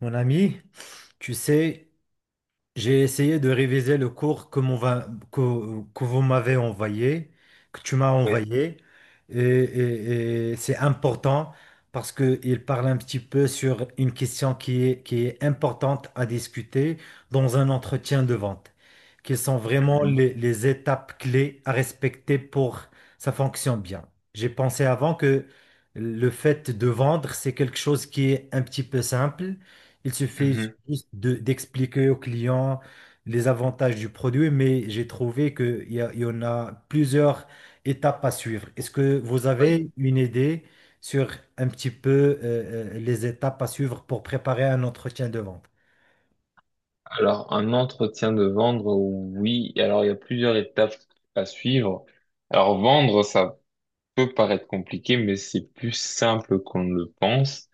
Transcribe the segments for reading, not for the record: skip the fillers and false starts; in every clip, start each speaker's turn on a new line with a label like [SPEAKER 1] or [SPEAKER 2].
[SPEAKER 1] Mon ami, tu sais, j'ai essayé de réviser le cours que vous m'avez envoyé, que tu m'as
[SPEAKER 2] Oui.
[SPEAKER 1] envoyé, et c'est important parce qu'il parle un petit peu sur une question qui est importante à discuter dans un entretien de vente, qui sont vraiment
[SPEAKER 2] Mhm,
[SPEAKER 1] les étapes clés à respecter pour que ça fonctionne bien. J'ai pensé avant que le fait de vendre, c'est quelque chose qui est un petit peu simple, il suffit
[SPEAKER 2] mhm.
[SPEAKER 1] juste d'expliquer au client les avantages du produit, mais j'ai trouvé il y en a plusieurs étapes à suivre. Est-ce que vous
[SPEAKER 2] Oui.
[SPEAKER 1] avez une idée sur un petit peu les étapes à suivre pour préparer un entretien de vente?
[SPEAKER 2] Alors, un entretien de vendre, oui. Alors, il y a plusieurs étapes à suivre. Alors, vendre, ça peut paraître compliqué, mais c'est plus simple qu'on ne le pense.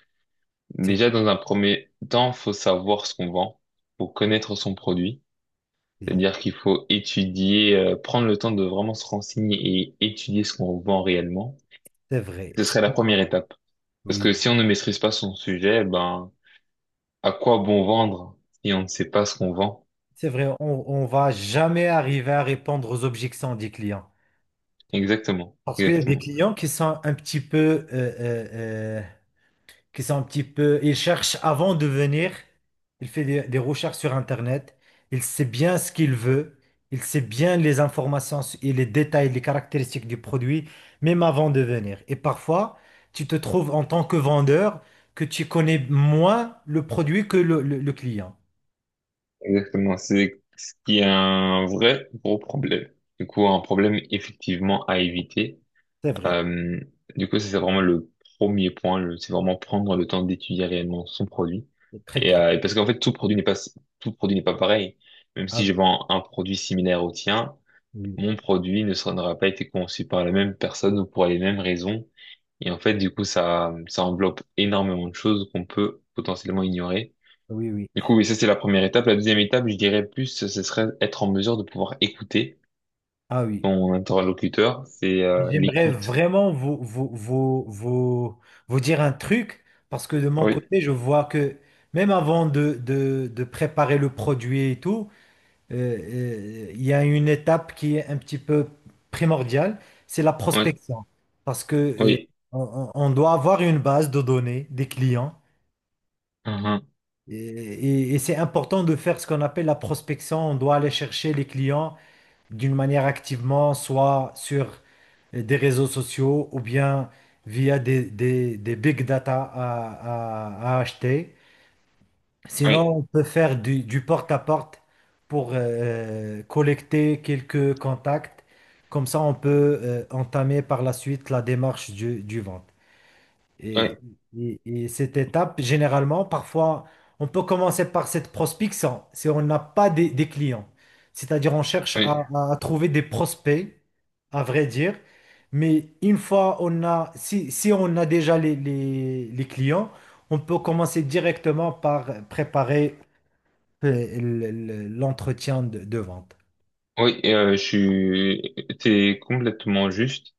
[SPEAKER 1] C'est
[SPEAKER 2] Déjà, dans un premier temps, faut savoir ce qu'on vend, faut connaître son produit.
[SPEAKER 1] c'est-
[SPEAKER 2] C'est-à-dire qu'il faut étudier, prendre le temps de vraiment se renseigner et étudier ce qu'on vend réellement.
[SPEAKER 1] C'est vrai,
[SPEAKER 2] Ce
[SPEAKER 1] c'est
[SPEAKER 2] serait la première
[SPEAKER 1] important.
[SPEAKER 2] étape. Parce
[SPEAKER 1] Oui.
[SPEAKER 2] que si on ne maîtrise pas son sujet, ben, à quoi bon vendre si on ne sait pas ce qu'on vend?
[SPEAKER 1] C'est vrai, on ne va jamais arriver à répondre aux objections des clients.
[SPEAKER 2] Exactement,
[SPEAKER 1] Parce qu'il y a des
[SPEAKER 2] exactement,
[SPEAKER 1] clients qui sont un petit peu euh, qui sont un petit peu, il cherche avant de venir, il fait des recherches sur Internet, il sait bien ce qu'il veut, il sait bien les informations et les détails, les caractéristiques du produit, même avant de venir. Et parfois, tu te trouves en tant que vendeur que tu connais moins le produit que le client.
[SPEAKER 2] exactement. C'est ce qui est un vrai gros problème. Du coup, un problème effectivement à éviter.
[SPEAKER 1] C'est vrai,
[SPEAKER 2] Euh, du coup, ça, c'est vraiment le premier point. C'est vraiment prendre le temps d'étudier réellement son produit.
[SPEAKER 1] c'est très bien.
[SPEAKER 2] Et parce qu'en fait, tout produit n'est pas pareil. Même
[SPEAKER 1] Ah
[SPEAKER 2] si je
[SPEAKER 1] oui,
[SPEAKER 2] vends un produit similaire au tien,
[SPEAKER 1] oui,
[SPEAKER 2] mon produit ne sera, n'aura pas été conçu par la même personne ou pour les mêmes raisons. Et en fait, du coup, ça enveloppe énormément de choses qu'on peut potentiellement ignorer.
[SPEAKER 1] oui, oui.
[SPEAKER 2] Du coup, oui, ça c'est la première étape. La deuxième étape, je dirais plus, ce serait être en mesure de pouvoir écouter
[SPEAKER 1] Ah oui.
[SPEAKER 2] son interlocuteur. C'est
[SPEAKER 1] J'aimerais
[SPEAKER 2] l'écoute.
[SPEAKER 1] vraiment vous dire un truc, parce que de mon
[SPEAKER 2] Oui,
[SPEAKER 1] côté, je vois que même avant de préparer le produit et tout, euh, il y a une étape qui est un petit peu primordiale, c'est la
[SPEAKER 2] oui,
[SPEAKER 1] prospection. Parce que,
[SPEAKER 2] oui,
[SPEAKER 1] on doit avoir une base de données des clients,
[SPEAKER 2] mhm.
[SPEAKER 1] et, et c'est important de faire ce qu'on appelle la prospection. On doit aller chercher les clients d'une manière activement, soit sur des réseaux sociaux ou bien via des big data à acheter. Sinon,
[SPEAKER 2] Oui,
[SPEAKER 1] on peut faire du porte-à-porte pour collecter quelques contacts. Comme ça, on peut entamer par la suite la démarche du vente. Et,
[SPEAKER 2] oui,
[SPEAKER 1] et cette étape, généralement, parfois, on peut commencer par cette prospection, si on n'a pas des clients. C'est-à-dire, on cherche
[SPEAKER 2] oui,
[SPEAKER 1] à trouver des prospects, à vrai dire. Mais une fois on a, si on a déjà les clients, on peut commencer directement par préparer l'entretien de vente.
[SPEAKER 2] oui. Je suis, t'es complètement juste.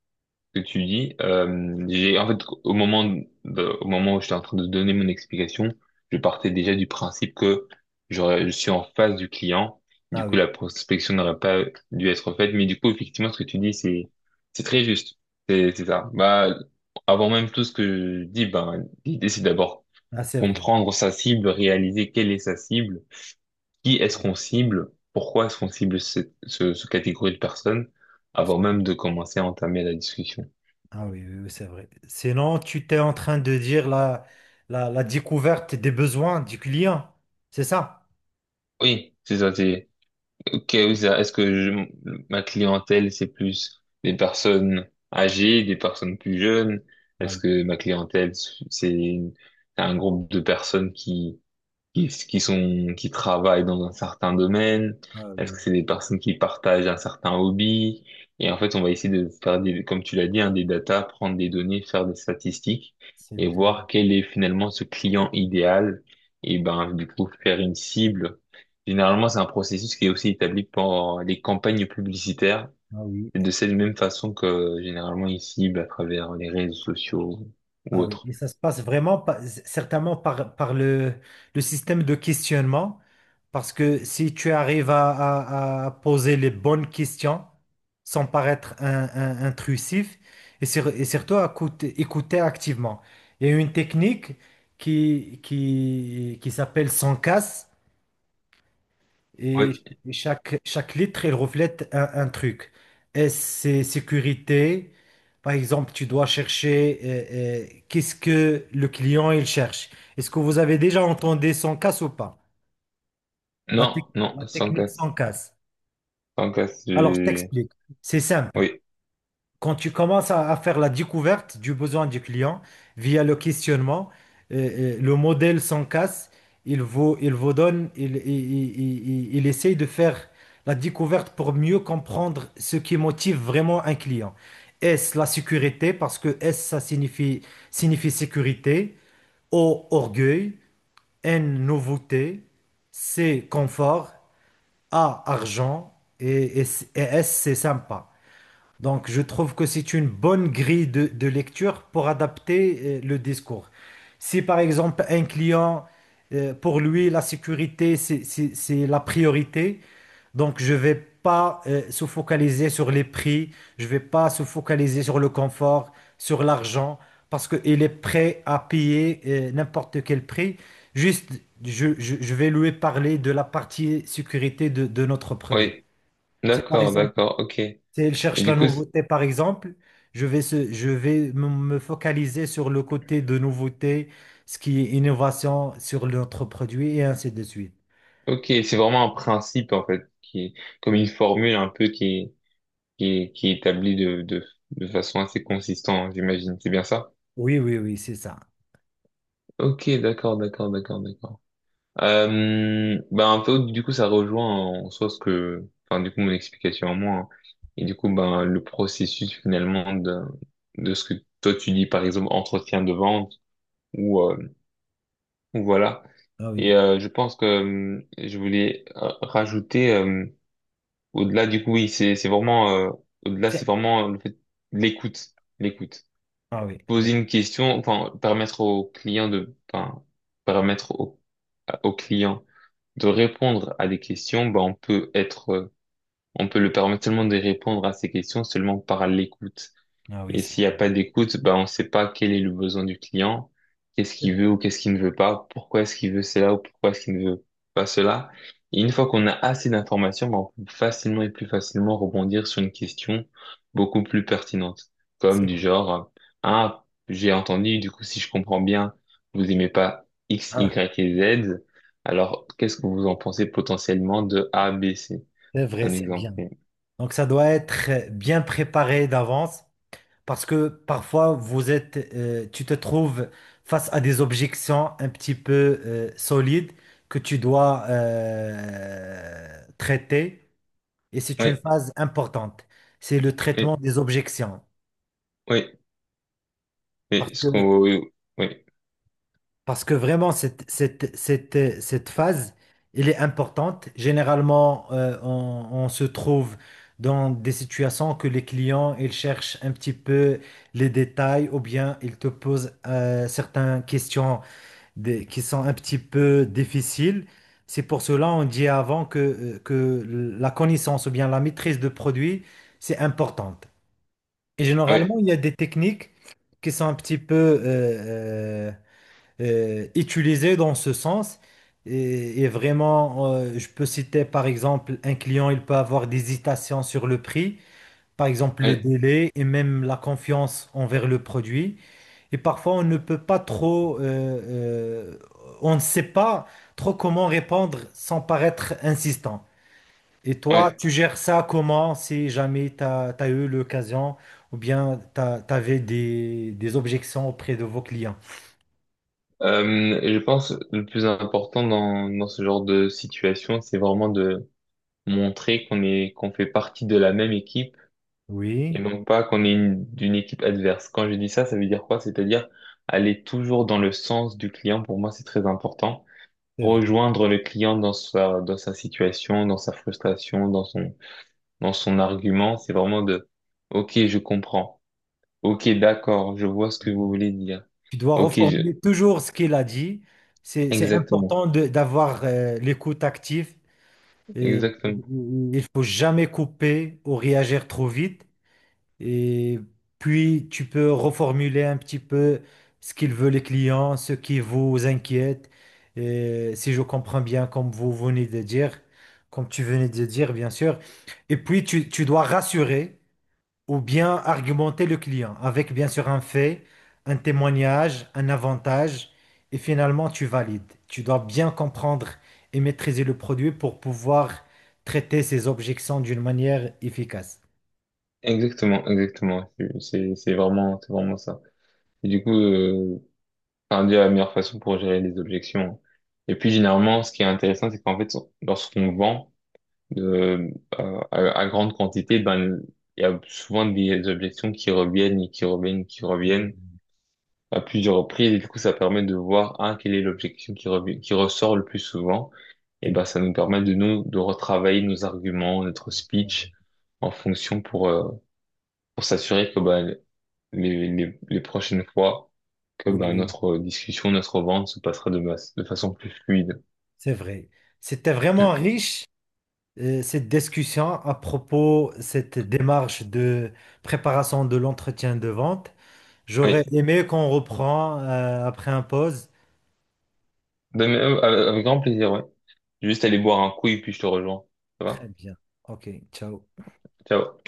[SPEAKER 2] Que tu dis. J'ai en fait au moment au moment où j'étais en train de donner mon explication, je partais déjà du principe que je suis en face du client. Du
[SPEAKER 1] Ah
[SPEAKER 2] coup,
[SPEAKER 1] oui,
[SPEAKER 2] la prospection n'aurait pas dû être faite. Mais du coup, effectivement, ce que tu dis, c'est très juste. C'est ça. Bah, avant même tout ce que je dis, ben l'idée c'est d'abord
[SPEAKER 1] ah, c'est vrai.
[SPEAKER 2] comprendre sa cible, réaliser quelle est sa cible, qui est-ce qu'on cible, pourquoi est-ce qu'on cible ce catégorie de personnes, avant même de commencer à entamer la discussion.
[SPEAKER 1] Ah oui, oui, oui, c'est vrai. Sinon, tu t'es en train de dire la découverte des besoins du client, c'est ça?
[SPEAKER 2] Oui, c'est ça, ok, oui, c'est ça, ma clientèle, c'est plus des personnes âgées, des personnes plus jeunes?
[SPEAKER 1] Ah
[SPEAKER 2] Est-ce
[SPEAKER 1] oui,
[SPEAKER 2] que ma clientèle, c'est une- c'est un groupe de personnes qui sont, qui travaillent dans un certain domaine?
[SPEAKER 1] ah
[SPEAKER 2] Est-ce
[SPEAKER 1] oui,
[SPEAKER 2] que c'est des personnes qui partagent un certain hobby? Et en fait, on va essayer de faire des, comme tu l'as dit, hein, des datas, prendre des données, faire des statistiques
[SPEAKER 1] c'est
[SPEAKER 2] et
[SPEAKER 1] bien.
[SPEAKER 2] voir quel est finalement ce client idéal. Et ben, du coup, faire une cible. Généralement, c'est un processus qui est aussi établi par les campagnes publicitaires.
[SPEAKER 1] Ah oui,
[SPEAKER 2] Et de cette même façon que généralement ils ciblent à travers les réseaux sociaux ou
[SPEAKER 1] ah oui.
[SPEAKER 2] autres.
[SPEAKER 1] Et ça se passe vraiment certainement par, par le système de questionnement, parce que si tu arrives à poser les bonnes questions sans paraître intrusif, et, et surtout à écouter, écouter activement. Il y a une technique qui s'appelle sans casse. Et
[SPEAKER 2] Oui.
[SPEAKER 1] chaque lettre, elle reflète un truc. S, c'est sécurité. Par exemple, tu dois chercher qu'est-ce que le client il cherche. Est-ce que vous avez déjà entendu sans casse ou pas? La, tec-
[SPEAKER 2] Non, non,
[SPEAKER 1] la
[SPEAKER 2] sans
[SPEAKER 1] technique
[SPEAKER 2] casse.
[SPEAKER 1] sans casse.
[SPEAKER 2] Sans casse.
[SPEAKER 1] Alors, je t'explique. C'est simple.
[SPEAKER 2] Oui,
[SPEAKER 1] Quand tu commences à faire la découverte du besoin du client via le questionnement, le modèle s'en casse, il vous donne, il essaye de faire la découverte pour mieux comprendre ce qui motive vraiment un client. Est-ce la sécurité? Parce que S, signifie sécurité. O, orgueil. N, nouveauté. C, confort. A, argent. Et, et et S, c'est sympa. Donc, je trouve que c'est une bonne grille de lecture pour adapter le discours. Si par exemple un client, pour lui, la sécurité, c'est la priorité, donc je vais pas se focaliser sur les prix, je vais pas se focaliser sur le confort, sur l'argent, parce qu'il est prêt à payer n'importe quel prix. Juste, je vais lui parler de la partie sécurité de notre produit.
[SPEAKER 2] oui,
[SPEAKER 1] C'est par
[SPEAKER 2] d'accord,
[SPEAKER 1] exemple.
[SPEAKER 2] d'accord, ok. Et
[SPEAKER 1] Si elle cherche la
[SPEAKER 2] du coup,
[SPEAKER 1] nouveauté, par exemple, je vais me focaliser sur le côté de nouveauté, ce qui est innovation sur notre produit et ainsi de suite.
[SPEAKER 2] ok, c'est vraiment un principe en fait, qui est comme une formule un peu qui est établie de façon assez consistante, j'imagine. C'est bien ça?
[SPEAKER 1] Oui, oui, oui, c'est ça.
[SPEAKER 2] Ok, d'accord, d'accord, d'accord, d'accord. Ben un peu, du coup, ça rejoint en soi ce que, enfin, du coup, mon explication à moi. Hein. Et du coup, ben le processus finalement de ce que toi tu dis, par exemple, entretien de vente ou euh, ou voilà.
[SPEAKER 1] Ah oui.
[SPEAKER 2] Et je pense que je voulais rajouter au-delà du coup, oui, c'est vraiment au-delà, c'est
[SPEAKER 1] C'est-
[SPEAKER 2] vraiment le fait l'écoute, l'écoute.
[SPEAKER 1] Ah oui, oui.
[SPEAKER 2] Poser une question, enfin permettre au client de, enfin permettre au client de répondre à des questions, bah on peut être, on peut le permettre seulement de répondre à ces questions seulement par l'écoute.
[SPEAKER 1] Ah oui,
[SPEAKER 2] Et
[SPEAKER 1] c'est
[SPEAKER 2] s'il n'y a
[SPEAKER 1] vrai.
[SPEAKER 2] pas d'écoute, bah, on ne sait pas quel est le besoin du client, qu'est-ce
[SPEAKER 1] C'est
[SPEAKER 2] qu'il
[SPEAKER 1] vrai.
[SPEAKER 2] veut ou qu'est-ce qu'il ne veut pas, pourquoi est-ce qu'il veut cela ou pourquoi est-ce qu'il ne veut pas cela. Et une fois qu'on a assez d'informations, bah, on peut facilement et plus facilement rebondir sur une question beaucoup plus pertinente, comme
[SPEAKER 1] C'est
[SPEAKER 2] du
[SPEAKER 1] vrai.
[SPEAKER 2] genre, ah, j'ai entendu, du coup, si je comprends bien, vous aimez pas X,
[SPEAKER 1] Ah,
[SPEAKER 2] Y et Z, alors qu'est-ce que vous en pensez potentiellement de A, B, C?
[SPEAKER 1] c'est vrai,
[SPEAKER 2] Un
[SPEAKER 1] c'est
[SPEAKER 2] exemple.
[SPEAKER 1] bien.
[SPEAKER 2] Oui,
[SPEAKER 1] Donc, ça doit être bien préparé d'avance. Parce que parfois, vous êtes, tu te trouves face à des objections un petit peu solides que tu dois traiter. Et c'est une phase importante. C'est le
[SPEAKER 2] oui,
[SPEAKER 1] traitement des objections.
[SPEAKER 2] oui, oui,
[SPEAKER 1] Parce que,
[SPEAKER 2] oui,
[SPEAKER 1] parce que vraiment, cette phase, elle est importante. Généralement, on se trouve dans des situations que les clients, ils cherchent un petit peu les détails ou bien ils te posent certaines questions qui sont un petit peu difficiles. C'est pour cela on dit avant que la connaissance ou bien la maîtrise de produit, c'est importante. Et
[SPEAKER 2] oui.
[SPEAKER 1] généralement, il y a des techniques qui sont un petit peu utilisées dans ce sens. Et vraiment, je peux citer par exemple, un client, il peut avoir des hésitations sur le prix, par exemple le
[SPEAKER 2] Oui,
[SPEAKER 1] délai et même la confiance envers le produit. Et parfois, on ne peut pas trop, on ne sait pas trop comment répondre sans paraître insistant. Et toi,
[SPEAKER 2] ouais.
[SPEAKER 1] tu gères ça comment si jamais tu as eu l'occasion ou bien tu avais des objections auprès de vos clients?
[SPEAKER 2] Et je pense que le plus important dans ce genre de situation, c'est vraiment de montrer qu'on fait partie de la même équipe et
[SPEAKER 1] Oui,
[SPEAKER 2] non pas d'une équipe adverse. Quand je dis ça, ça veut dire quoi? C'est-à-dire aller toujours dans le sens du client. Pour moi, c'est très important.
[SPEAKER 1] c'est vrai.
[SPEAKER 2] Rejoindre le client dans sa situation, dans sa frustration, dans son argument, c'est vraiment de OK, je comprends. OK, d'accord, je vois ce que vous voulez dire.
[SPEAKER 1] Tu dois
[SPEAKER 2] OK, je...
[SPEAKER 1] reformuler toujours ce qu'il a dit. C'est
[SPEAKER 2] Exactement.
[SPEAKER 1] important d'avoir l'écoute active. Et
[SPEAKER 2] Exactement.
[SPEAKER 1] il faut jamais couper ou réagir trop vite. Et puis, tu peux reformuler un petit peu ce qu'ils veulent les clients, ce qui vous inquiète. Et si je comprends bien, comme vous venez de dire, comme tu venais de dire, bien sûr. Et puis, tu dois rassurer ou bien argumenter le client avec, bien sûr, un fait, un témoignage, un avantage. Et finalement, tu valides. Tu dois bien comprendre et maîtriser le produit pour pouvoir traiter ces objections d'une manière efficace.
[SPEAKER 2] Exactement, exactement. C'est vraiment, c'est vraiment ça. Et du coup, enfin, dire la meilleure façon pour gérer les objections. Et puis, généralement, ce qui est intéressant, c'est qu'en fait, lorsqu'on vend euh, à grande quantité, ben, il y a souvent des objections qui reviennent et qui reviennent
[SPEAKER 1] Hmm,
[SPEAKER 2] à plusieurs reprises. Et du coup, ça permet de voir, un, quelle est l'objection qui revient, qui ressort le plus souvent. Et
[SPEAKER 1] c'est
[SPEAKER 2] ben,
[SPEAKER 1] vrai.
[SPEAKER 2] ça nous permet de retravailler nos arguments, notre speech en fonction pour s'assurer que, bah, les prochaines fois que bah,
[SPEAKER 1] Oui,
[SPEAKER 2] notre discussion, notre vente se passera de, de façon plus fluide.
[SPEAKER 1] c'est vrai. C'était vraiment
[SPEAKER 2] Mm.
[SPEAKER 1] riche, cette discussion à propos de cette démarche de préparation de l'entretien de vente. J'aurais
[SPEAKER 2] Oui,
[SPEAKER 1] aimé qu'on reprend, après un pause.
[SPEAKER 2] ben, avec avec grand plaisir, ouais. Juste aller boire un coup et puis je te rejoins. Ça
[SPEAKER 1] Très
[SPEAKER 2] va?
[SPEAKER 1] bien. OK, ciao.
[SPEAKER 2] Ciao.